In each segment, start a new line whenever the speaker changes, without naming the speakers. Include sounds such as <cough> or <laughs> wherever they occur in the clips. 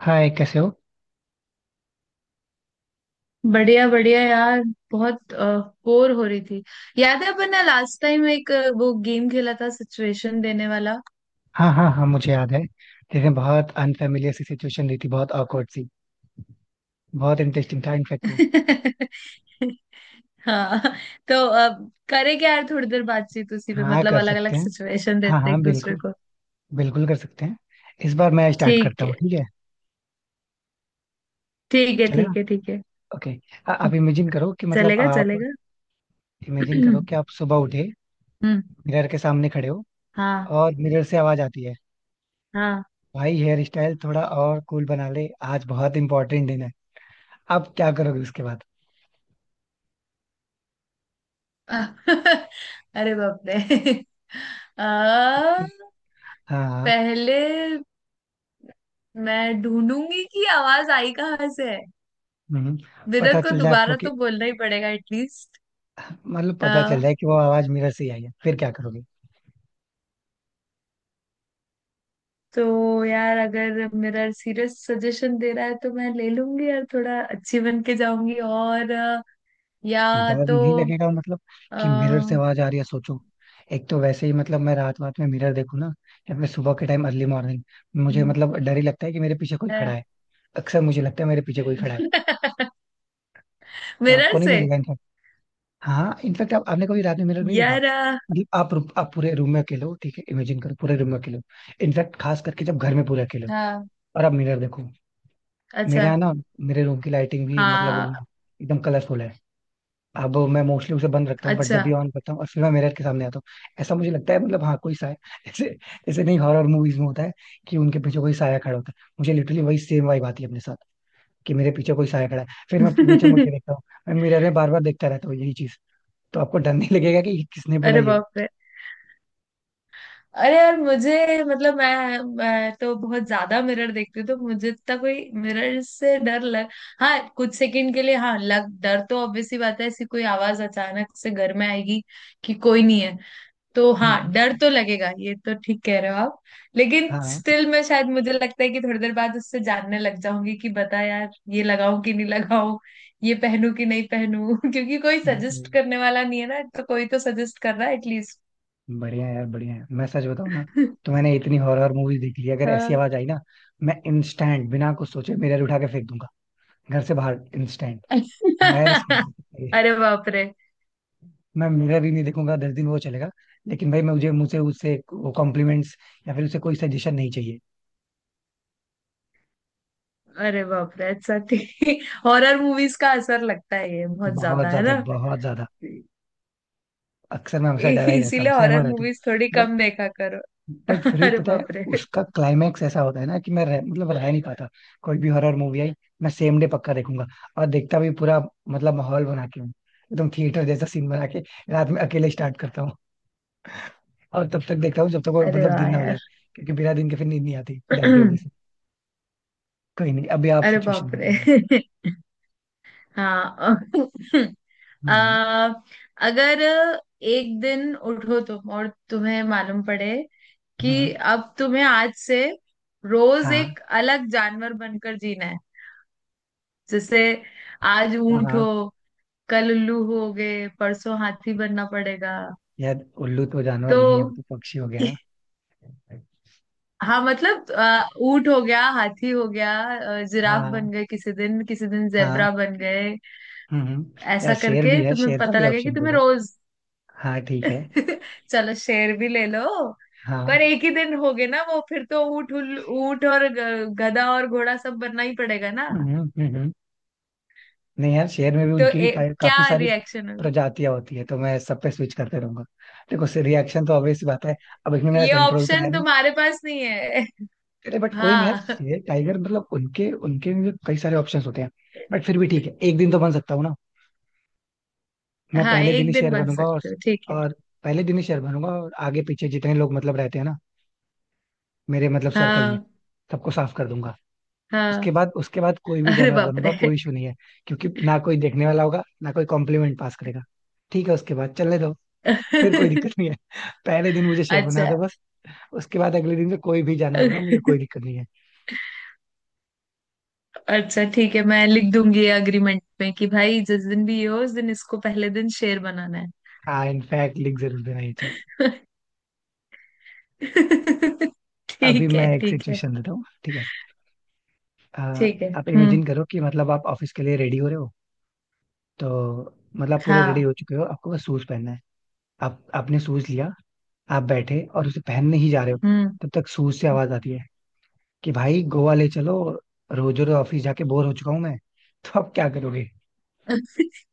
हाय, कैसे हो?
बढ़िया बढ़िया यार, बहुत बोर हो रही थी। याद है अपन ने लास्ट टाइम एक वो गेम खेला था सिचुएशन देने वाला।
हाँ हाँ हाँ, मुझे याद है। लेकिन बहुत अनफेमिलियर सी सिचुएशन रही थी, बहुत awkward सी। बहुत इंटरेस्टिंग था इनफेक्ट वो।
<laughs> हाँ। तो अब करे क्या यार, थोड़ी देर बातचीत उसी पे,
हाँ
मतलब
कर
अलग अलग
सकते हैं।
सिचुएशन
हाँ
देते हैं
हाँ
एक दूसरे
बिल्कुल।
को।
बिल्कुल कर सकते हैं। इस बार मैं स्टार्ट
ठीक
करता
है।
हूँ, ठीक है?
ठीक है
चलेगा।
ठीक है ठीक है।
ओके। आप इमेजिन करो कि मतलब
चलेगा
आप
चलेगा। <clears throat>
इमेजिन करो
हम्म।
कि आप सुबह उठे, मिरर के सामने खड़े हो,
हाँ।
और मिरर से आवाज आती है,
हाँ।
भाई हेयर स्टाइल थोड़ा और कूल बना ले, आज बहुत इंपॉर्टेंट दिन है। आप क्या करोगे उसके बाद?
<laughs> अरे बाप रे। <laughs> आ,
हाँ हाँ।
पहले मैं ढूंढूंगी कि आवाज आई कहाँ से है।
हम्म,
मिरर
पता
को
चल जाए आपको
दोबारा
कि,
तो बोलना ही पड़ेगा एटलीस्ट।
मतलब पता चल
आ,
जाए कि वो आवाज मिरर से ही आई है, फिर क्या करोगे?
तो यार, अगर मिरर सीरियस सजेशन दे रहा है तो मैं ले लूंगी यार, थोड़ा अच्छी बन के जाऊंगी, और या
डर
तो
नहीं लगेगा मतलब? कि मिरर से
आ,
आवाज आ रही है, सोचो। एक तो वैसे ही मतलब मैं रात रात में मिरर देखूं ना, या फिर सुबह के टाइम अर्ली मॉर्निंग, मुझे मतलब डर ही लगता है कि मेरे पीछे कोई खड़ा है।
<laughs>
अक्सर मुझे लगता है मेरे पीछे कोई खड़ा है। तो
मिरर
आपको नहीं
से।
लगेगा इनफैक्ट? हाँ इनफैक्ट आप, आपने कभी रात में मिरर नहीं देखा?
यार
मतलब आप पूरे रूम में अकेले हो, ठीक है, इमेजिन करो पूरे रूम में अकेले हो। इनफैक्ट खास करके जब घर में पूरे अकेले हो,
हाँ।
और आप मिरर देखो। मेरे
अच्छा।
यहाँ ना, मेरे रूम की लाइटिंग भी मतलब वो
हाँ।
है, एकदम कलरफुल है। अब मैं मोस्टली उसे बंद रखता हूँ, बट
अच्छा।
जब भी ऑन करता हूँ और फिर मैं मिरर के सामने आता हूँ, ऐसा मुझे लगता है, मतलब हाँ कोई साया <laughs> ऐसे। ऐसे नहीं हॉरर मूवीज में होता है कि उनके पीछे कोई साया खड़ा होता है, मुझे लिटरली वही सेम वाइब आती है अपने साथ, कि मेरे पीछे कोई साया खड़ा है, फिर मैं पीछे मुड़ के
<laughs>
देखता हूँ। मैं मिरर में बार बार देखता रहता हूँ यही चीज। तो आपको डर नहीं लगेगा कि किसने बोला
अरे
ये?
बाप रे। अरे यार, मुझे मतलब मैं तो बहुत ज्यादा मिरर देखती हूँ, तो मुझे इतना कोई मिरर से डर लग हाँ, कुछ सेकंड के लिए हाँ, लग डर तो ऑब्वियसली बात है, ऐसी कोई आवाज अचानक से घर में आएगी कि कोई नहीं है, तो हाँ,
हम्म।
डर तो लगेगा, ये तो ठीक कह रहे हो आप। लेकिन
हाँ।
स्टिल मैं शायद, मुझे लगता है कि थोड़ी देर बाद उससे जानने लग जाऊंगी कि बता यार, ये लगाऊं कि नहीं लगाऊं, ये पहनूं कि नहीं पहनूं। <laughs> क्योंकि कोई सजेस्ट
हम्म,
करने वाला नहीं है ना, तो कोई तो सजेस्ट कर रहा है एटलीस्ट।
बढ़िया है यार, बढ़िया है। मैं सच बताऊँ ना,
<laughs>
तो मैंने इतनी हॉरर मूवीज देख ली, अगर ऐसी
हाँ।
आवाज आई ना, मैं इंस्टेंट बिना कुछ सोचे मिरर उठा के फेंक दूंगा घर से बाहर, इंस्टेंट। मैं रिस्क नहीं
<laughs>
ले सकता।
अरे बाप रे।
मैं मिरर ही नहीं देखूंगा 10 दिन, वो चलेगा। लेकिन भाई मैं, मुझे मुझे उससे वो कॉम्प्लीमेंट्स या फिर उससे कोई सजेशन नहीं चाहिए।
अरे बाप रे। अच्छा, ठीक हॉरर मूवीज <laughs> का असर लगता है ये, बहुत
बहुत
ज्यादा है
ज्यादा
ना।
बहुत ज्यादा। अक्सर मैं हमेशा डरा ही रहता हूँ,
इसीलिए
सहमा
हॉरर
रहता हूँ।
मूवीज थोड़ी
बट
कम देखा करो।
बट
<laughs>
फिर भी
अरे
पता है,
बाप रे।
उसका क्लाइमैक्स ऐसा होता है ना कि मैं मतलब रह नहीं पाता। कोई भी हॉरर मूवी आई मैं सेम डे पक्का देखूंगा, और देखता भी पूरा। मतलब माहौल बना के हूँ एकदम थिएटर जैसा सीन बना के, रात में अकेले स्टार्ट करता हूँ, और तब तक देखता हूँ जब तक वो
अरे
मतलब
वाह
दिन ना हो जाए।
यार।
क्योंकि बिना दिन के फिर नींद नहीं आती, डर की वजह से।
<clears throat>
कोई नहीं, अभी आप
अरे
सिचुएशन
बाप
दो
रे।
कोई
<laughs> हाँ। <laughs>
जैसी।
आ, अगर एक दिन उठो तुम और तुम्हें मालूम पड़े
हम्म।
कि अब तुम्हें आज से रोज
हाँ
एक अलग जानवर बनकर जीना है। जैसे आज
हाँ
ऊंट हो,
हाँ।
कल उल्लू हो गए, परसों हाथी बनना पड़ेगा।
यार उल्लू तो जानवर नहीं है, वो
तो
तो पक्षी हो गया ना।
<laughs> हाँ, मतलब ऊंट हो गया, हाथी हो गया, जिराफ
हाँ।
बन गए किसी दिन, किसी दिन
हाँ।
जेब्रा बन गए।
हम्म। यार
ऐसा
शेर भी
करके
है,
तुम्हें
शेर का
पता
भी
लगे कि
ऑप्शन दे
तुम्हें
दो।
रोज।
हाँ ठीक है।
<laughs> चलो शेर भी ले लो। पर
हाँ।
एक ही दिन हो गए ना, वो फिर तो ऊँट और गधा और घोड़ा सब बनना ही पड़ेगा ना।
हम्म हम्म हम्म। नहीं यार, शेर में भी
तो
उनकी भी काफी
क्या
सारी
रिएक्शन होगा?
प्रजातियां होती है, तो मैं सब पे स्विच करते रहूंगा। देखो से रिएक्शन तो ऑब्वियस बात है, अब इसमें मेरा
ये
कंट्रोल तो है
ऑप्शन
नहीं।
तुम्हारे पास नहीं है। <laughs>
अरे बट कोई नहीं, यार
हाँ,
शेर टाइगर, मतलब उनके उनके में भी कई सारे ऑप्शंस होते हैं। बट फिर भी ठीक है, एक दिन तो बन सकता हूँ ना। मैं
हाँ
पहले दिन
एक
ही
दिन
शेयर
बन
बनूंगा। और
सकते हो ठीक है।
और पहले दिन ही शेयर बनूंगा और आगे पीछे जितने लोग मतलब रहते हैं ना, मेरे मतलब सर्कल में,
हाँ
सबको साफ कर दूंगा।
हाँ।
उसके बाद, उसके बाद कोई भी
अरे
जानवर
बाप
बनूंगा,
रे।
कोई इशू नहीं है। क्योंकि ना कोई देखने वाला होगा, ना कोई कॉम्प्लीमेंट पास करेगा। ठीक है उसके बाद चलने दो, फिर कोई दिक्कत
<laughs>
नहीं है। <laughs> पहले दिन मुझे शेर बना
अच्छा।
दो बस। उसके बाद अगले दिन से कोई भी जानवर बना, मुझे
अच्छा।
कोई दिक्कत नहीं है।
ठीक है, मैं लिख दूंगी एग्रीमेंट में कि भाई जिस दिन भी ये हो, उस दिन इसको पहले दिन शेर बनाना है।
हाँ इनफैक्ट लिख जरूर देना ये चीज।
<laughs>
अभी
ठीक
मैं
है
एक
ठीक है
सिचुएशन देता हूँ, ठीक है। अ,
ठीक है।
आप
हम्म।
इमेजिन करो कि मतलब आप ऑफिस के लिए रेडी हो रहे हो, तो मतलब आप पूरे रेडी
हाँ।
हो चुके हो, आपको बस शूज पहनना है। आप आपने शूज लिया, आप बैठे और उसे पहनने ही जा रहे हो,
हम्म।
तब तक शूज से आवाज आती है कि भाई गोवा ले चलो, रोज रोज ऑफिस जाके बोर हो चुका हूँ मैं। तो अब क्या करोगे?
<laughs>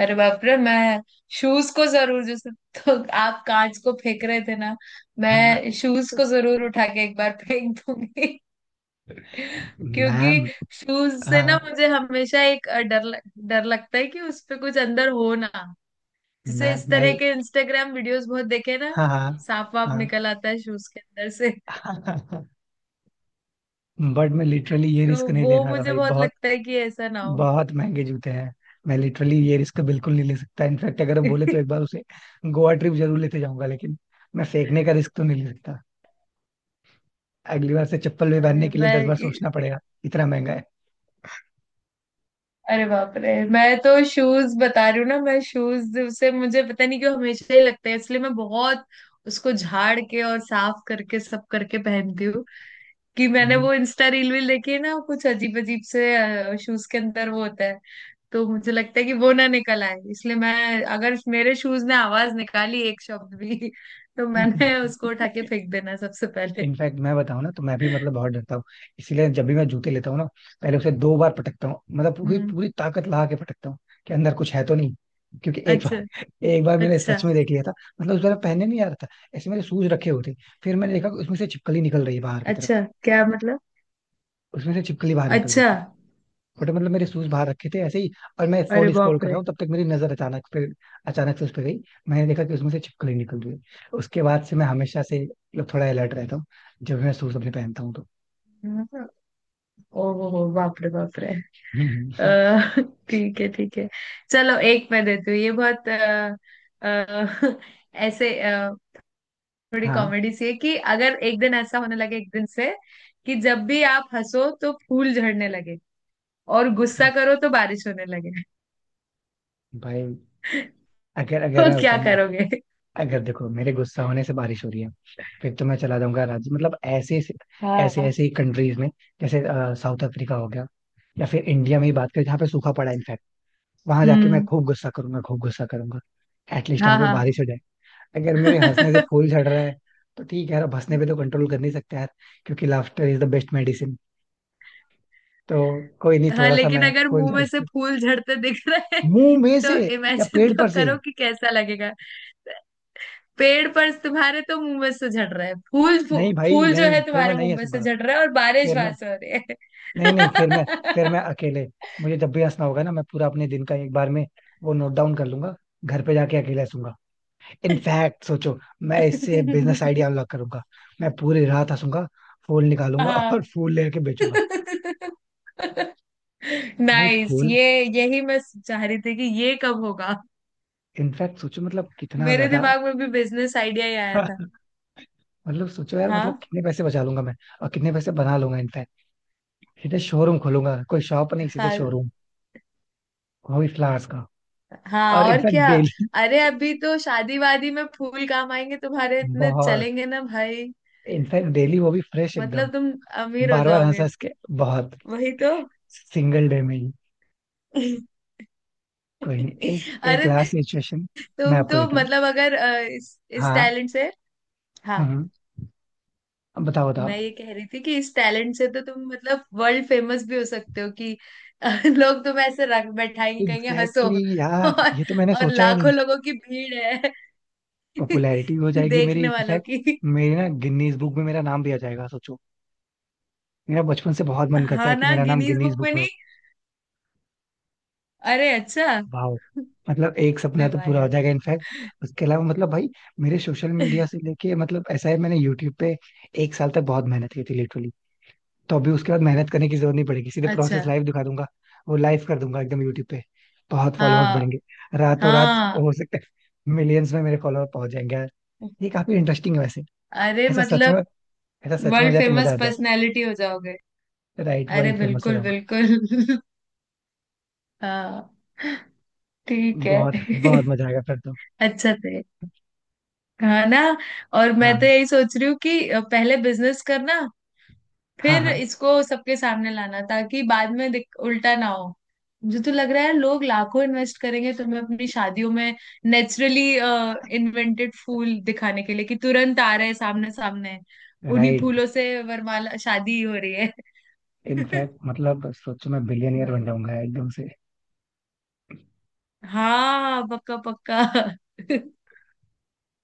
अरे बाप रे, मैं शूज को जरूर जैसे, तो आप कांच को फेंक रहे थे ना,
हाँ।
मैं शूज को जरूर उठा के एक बार फेंक दूंगी। <laughs> क्योंकि
मैम।
शूज से ना
हाँ।
मुझे हमेशा एक डर डर लगता है कि उस पे कुछ अंदर हो ना, जैसे
मैं
इस
मैं
तरह के इंस्टाग्राम वीडियोस बहुत देखे ना,
हाँ। हाँ
सांप वाप
हाँ।
निकल आता है शूज के अंदर,
बट मैं लिटरली ये रिस्क
तो
नहीं
वो
लेना था
मुझे
भाई,
बहुत
बहुत
लगता है कि ऐसा ना हो।
बहुत महंगे जूते हैं। मैं लिटरली ये रिस्क बिल्कुल नहीं ले सकता, इनफैक्ट अगर हम बोले तो एक
<laughs>
बार उसे गोवा ट्रिप जरूर लेते जाऊंगा, लेकिन मैं फेंकने का रिस्क तो नहीं ले सकता। अगली बार से चप्पल भी पहनने
अरे
के लिए दस
मैं
बार सोचना पड़ेगा, इतना महंगा है।
अरे बाप रे, मैं तो शूज बता रही हूँ ना, मैं शूज से, मुझे पता नहीं क्यों हमेशा ही लगता है, इसलिए मैं बहुत उसको झाड़ के और साफ करके सब करके पहनती हूँ, कि मैंने
हम्म।
वो इंस्टा रील वील देखी है ना, कुछ अजीब अजीब से शूज के अंदर वो होता है, तो मुझे लगता है कि वो ना निकल आए, इसलिए मैं, अगर मेरे शूज ने आवाज निकाली एक शब्द भी, <laughs> तो मैंने उसको उठा के फेंक देना सबसे पहले।
इनफैक्ट मैं बताऊं ना, तो मैं भी मतलब
<laughs>
बहुत डरता हूँ। इसीलिए जब भी मैं जूते लेता हूँ ना, पहले उसे 2 बार पटकता हूँ, मतलब पूरी
हम्म।
पूरी ताकत लगा के पटकता हूँ, कि अंदर कुछ है तो नहीं। क्योंकि एक
अच्छा।
बार <laughs> एक बार मैंने
अच्छा।
सच में देख लिया था। मतलब उस बार मैं पहनने नहीं आ रहा था, ऐसे मेरे शूज रखे हुए थे, फिर मैंने देखा कि उसमें से छिपकली निकल रही है बाहर की तरफ।
अच्छा क्या मतलब?
उसमें से छिपकली बाहर निकल रही
अच्छा।
थी। बट मतलब मेरे शूज बाहर रखे थे ऐसे ही, और मैं
अरे
फोन स्क्रॉल
बाप
कर रहा
रे।
हूँ, तब तक मेरी नजर अचानक पे, अचानक से उस पे गई, मैंने देखा कि उसमें से छिपकली निकल रही है। उसके बाद से मैं हमेशा से मतलब थोड़ा अलर्ट रहता हूँ जब मैं शूज अपने पहनता हूँ तो <laughs>
ओ हो बाप रे बाप रे।
हम्म।
अ, ठीक है ठीक है। चलो एक मैं देती हूँ। ये बहुत अ, ऐसे थोड़ी
हाँ।
कॉमेडी सी है, कि अगर एक दिन ऐसा होने लगे, एक दिन से कि जब भी आप हंसो तो फूल झड़ने लगे, और गुस्सा करो तो बारिश होने लगे।
भाई, अगर
<laughs>
अगर
तो
मैं
क्या
बताऊँ ना,
करोगे?
अगर देखो मेरे गुस्सा होने से बारिश हो रही है, फिर तो मैं चला जाऊंगा, राज्य मतलब ऐसे, ऐसे
हाँ।
ऐसे ही कंट्रीज में। जैसे साउथ अफ्रीका हो गया, या फिर इंडिया में ही बात करें जहाँ पे सूखा पड़ा है, वहां जाके मैं
हम्म।
खूब गुस्सा करूंगा खूब गुस्सा करूंगा, एटलीस्ट वहां पे
हाँ।
बारिश हो जाए। अगर मेरे हंसने से
हाँ।
फूल झड़ रहा है, तो ठीक है यार, अब हंसने पे तो
<laughs>
कंट्रोल कर नहीं सकते यार, क्योंकि laughter is the best medicine. तो कोई नहीं,
हाँ,
थोड़ा सा
लेकिन
मैं
अगर
फूल
मुंह
झड़।
में से फूल झड़ते दिख रहे हैं
मुंह में
तो
से, या
इमेजिन
पेड़
तो
पर से।
करो कि कैसा लगेगा। पेड़ पर, तुम्हारे तो मुंह में से झड़ रहे हैं फूल,
नहीं भाई
फूल जो
नहीं,
है
फिर मैं
तुम्हारे
नहीं
मुंह में से
हंसूंगा।
झड़ रहा है और बारिश
फिर मैं।
वहां से हो रही है।
नहीं नहीं फिर मैं। अकेले, मुझे जब भी हंसना होगा ना, मैं पूरा अपने दिन का एक बार में वो नोट डाउन कर लूंगा, घर पे जाके अकेले हंसूंगा। इनफैक्ट सोचो, मैं इससे बिजनेस आइडिया
<laughs>
अनलॉक करूंगा। मैं पूरी रात हंसूंगा, फूल निकालूंगा <laughs> और
हाँ।
फूल लेके बेचूंगा।
<laughs>
भाई
नाइस,
फूल,
ये यही मैं चाह रही थी कि ये कब होगा।
इनफैक्ट सोचो मतलब कितना
मेरे
ज्यादा।
दिमाग में भी बिजनेस आइडिया ही आया था।
<laughs> मतलब सोचो यार, मतलब
हाँ।
कितने पैसे बचा लूंगा मैं, और कितने पैसे बना लूंगा इनफैक्ट। सीधे शोरूम खोलूंगा, कोई शॉप नहीं, सीधे
हाँ।
शोरूम, वो भी flowers का।
हाँ
और
और
इनफैक्ट
क्या।
डेली।
अरे अभी तो शादी वादी में फूल काम आएंगे तुम्हारे, इतने
बहुत।
चलेंगे ना भाई।
इनफैक्ट डेली वो भी फ्रेश एकदम।
मतलब तुम अमीर हो
बार बार हंस
जाओगे।
हंस के। बहुत।
वही तो।
सिंगल डे में ही।
<laughs>
कोई नहीं, एक एक
अरे
लास्ट सिचुएशन मैं
तुम
आपको
तो
देता हूँ।
मतलब, अगर इस
हाँ।
टैलेंट से, हाँ,
हम्म। बताओ बताओ।
मैं ये कह रही थी कि इस टैलेंट से तो तुम मतलब वर्ल्ड फेमस भी हो सकते हो, कि <laughs> लोग तुम्हें ऐसे रख बैठाएंगे, कहेंगे हंसो।
एग्जैक्टली exactly यार,
और,
ये तो मैंने
और
सोचा ही नहीं।
लाखों लोगों की भीड़ है,
पॉपुलैरिटी हो
<laughs>
जाएगी मेरी
देखने वालों
इनफैक्ट।
की।
मेरी ना गिनीज बुक में मेरा नाम दिया जाएगा सोचो। मेरा बचपन से बहुत मन करता
हाँ
है कि
ना।
मेरा नाम
गिनीज
गिनीज
बुक
बुक
में।
में हो।
अरे अच्छा।
वाह। मतलब एक
अरे
सपना तो
वाह
पूरा हो
यार।
जाएगा इनफैक्ट। उसके अलावा मतलब भाई मेरे सोशल मीडिया से लेके, मतलब ऐसा है, मैंने यूट्यूब पे एक साल तक बहुत मेहनत की थी लिटरली। तो अभी उसके बाद मेहनत करने की जरूरत नहीं पड़ेगी, सीधे
अच्छा।
प्रोसेस लाइव दिखा दूंगा। वो लाइव कर दूंगा एकदम यूट्यूब पे। बहुत फॉलोअर्स
हाँ
बढ़ेंगे। रातों रात
हाँ।
हो सकता है मिलियंस में मेरे फॉलोअर पहुंच जाएंगे। ये काफी इंटरेस्टिंग है वैसे।
अरे
ऐसा सच
मतलब
में ऐसा सच में हो
वर्ल्ड
जाए तो मजा
फेमस
आ जाए।
पर्सनालिटी हो जाओगे।
राइट,
अरे
वर्ल्ड फेमस हो
बिल्कुल
जाऊंगा।
बिल्कुल। <laughs> हाँ ठीक
बहुत,
है।
बहुत
<laughs>
मजा आएगा फिर तो।
अच्छा थे। हाँ ना। और मैं तो
हाँ
यही सोच रही हूँ कि पहले बिजनेस करना,
हाँ
फिर
हाँ।
इसको सबके सामने लाना, ताकि बाद में उल्टा ना हो। जो तो लग रहा है लोग लाखों इन्वेस्ट करेंगे तुम्हें अपनी शादियों में, नेचुरली इन्वेंटेड फूल दिखाने के लिए, कि तुरंत आ रहे हैं सामने सामने, उन्हीं
राइट।
फूलों से वरमाला शादी हो रही है। <laughs>
इनफैक्ट मतलब सोचो मैं बिलियनियर बन
भाई।
जाऊंगा एकदम से।
हाँ पक्का पक्का। <laughs>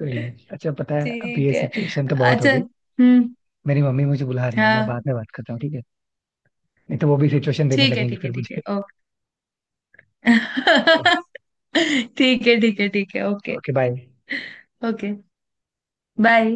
कोई नहीं, अच्छा पता है, अभी ये
ठीक है।
सिचुएशन तो बहुत हो
अच्छा।
गई।
हम्म।
मेरी मम्मी मुझे बुला रही है, मैं
हाँ।
बाद में बात करता हूँ ठीक है। नहीं तो वो भी सिचुएशन देने
ठीक है
लगेंगी
ठीक
फिर
है ठीक है।
मुझे।
ओके।
<laughs>
<laughs> ठीक है ठीक है ठीक है। Okay.
Okay bye.
Okay bye.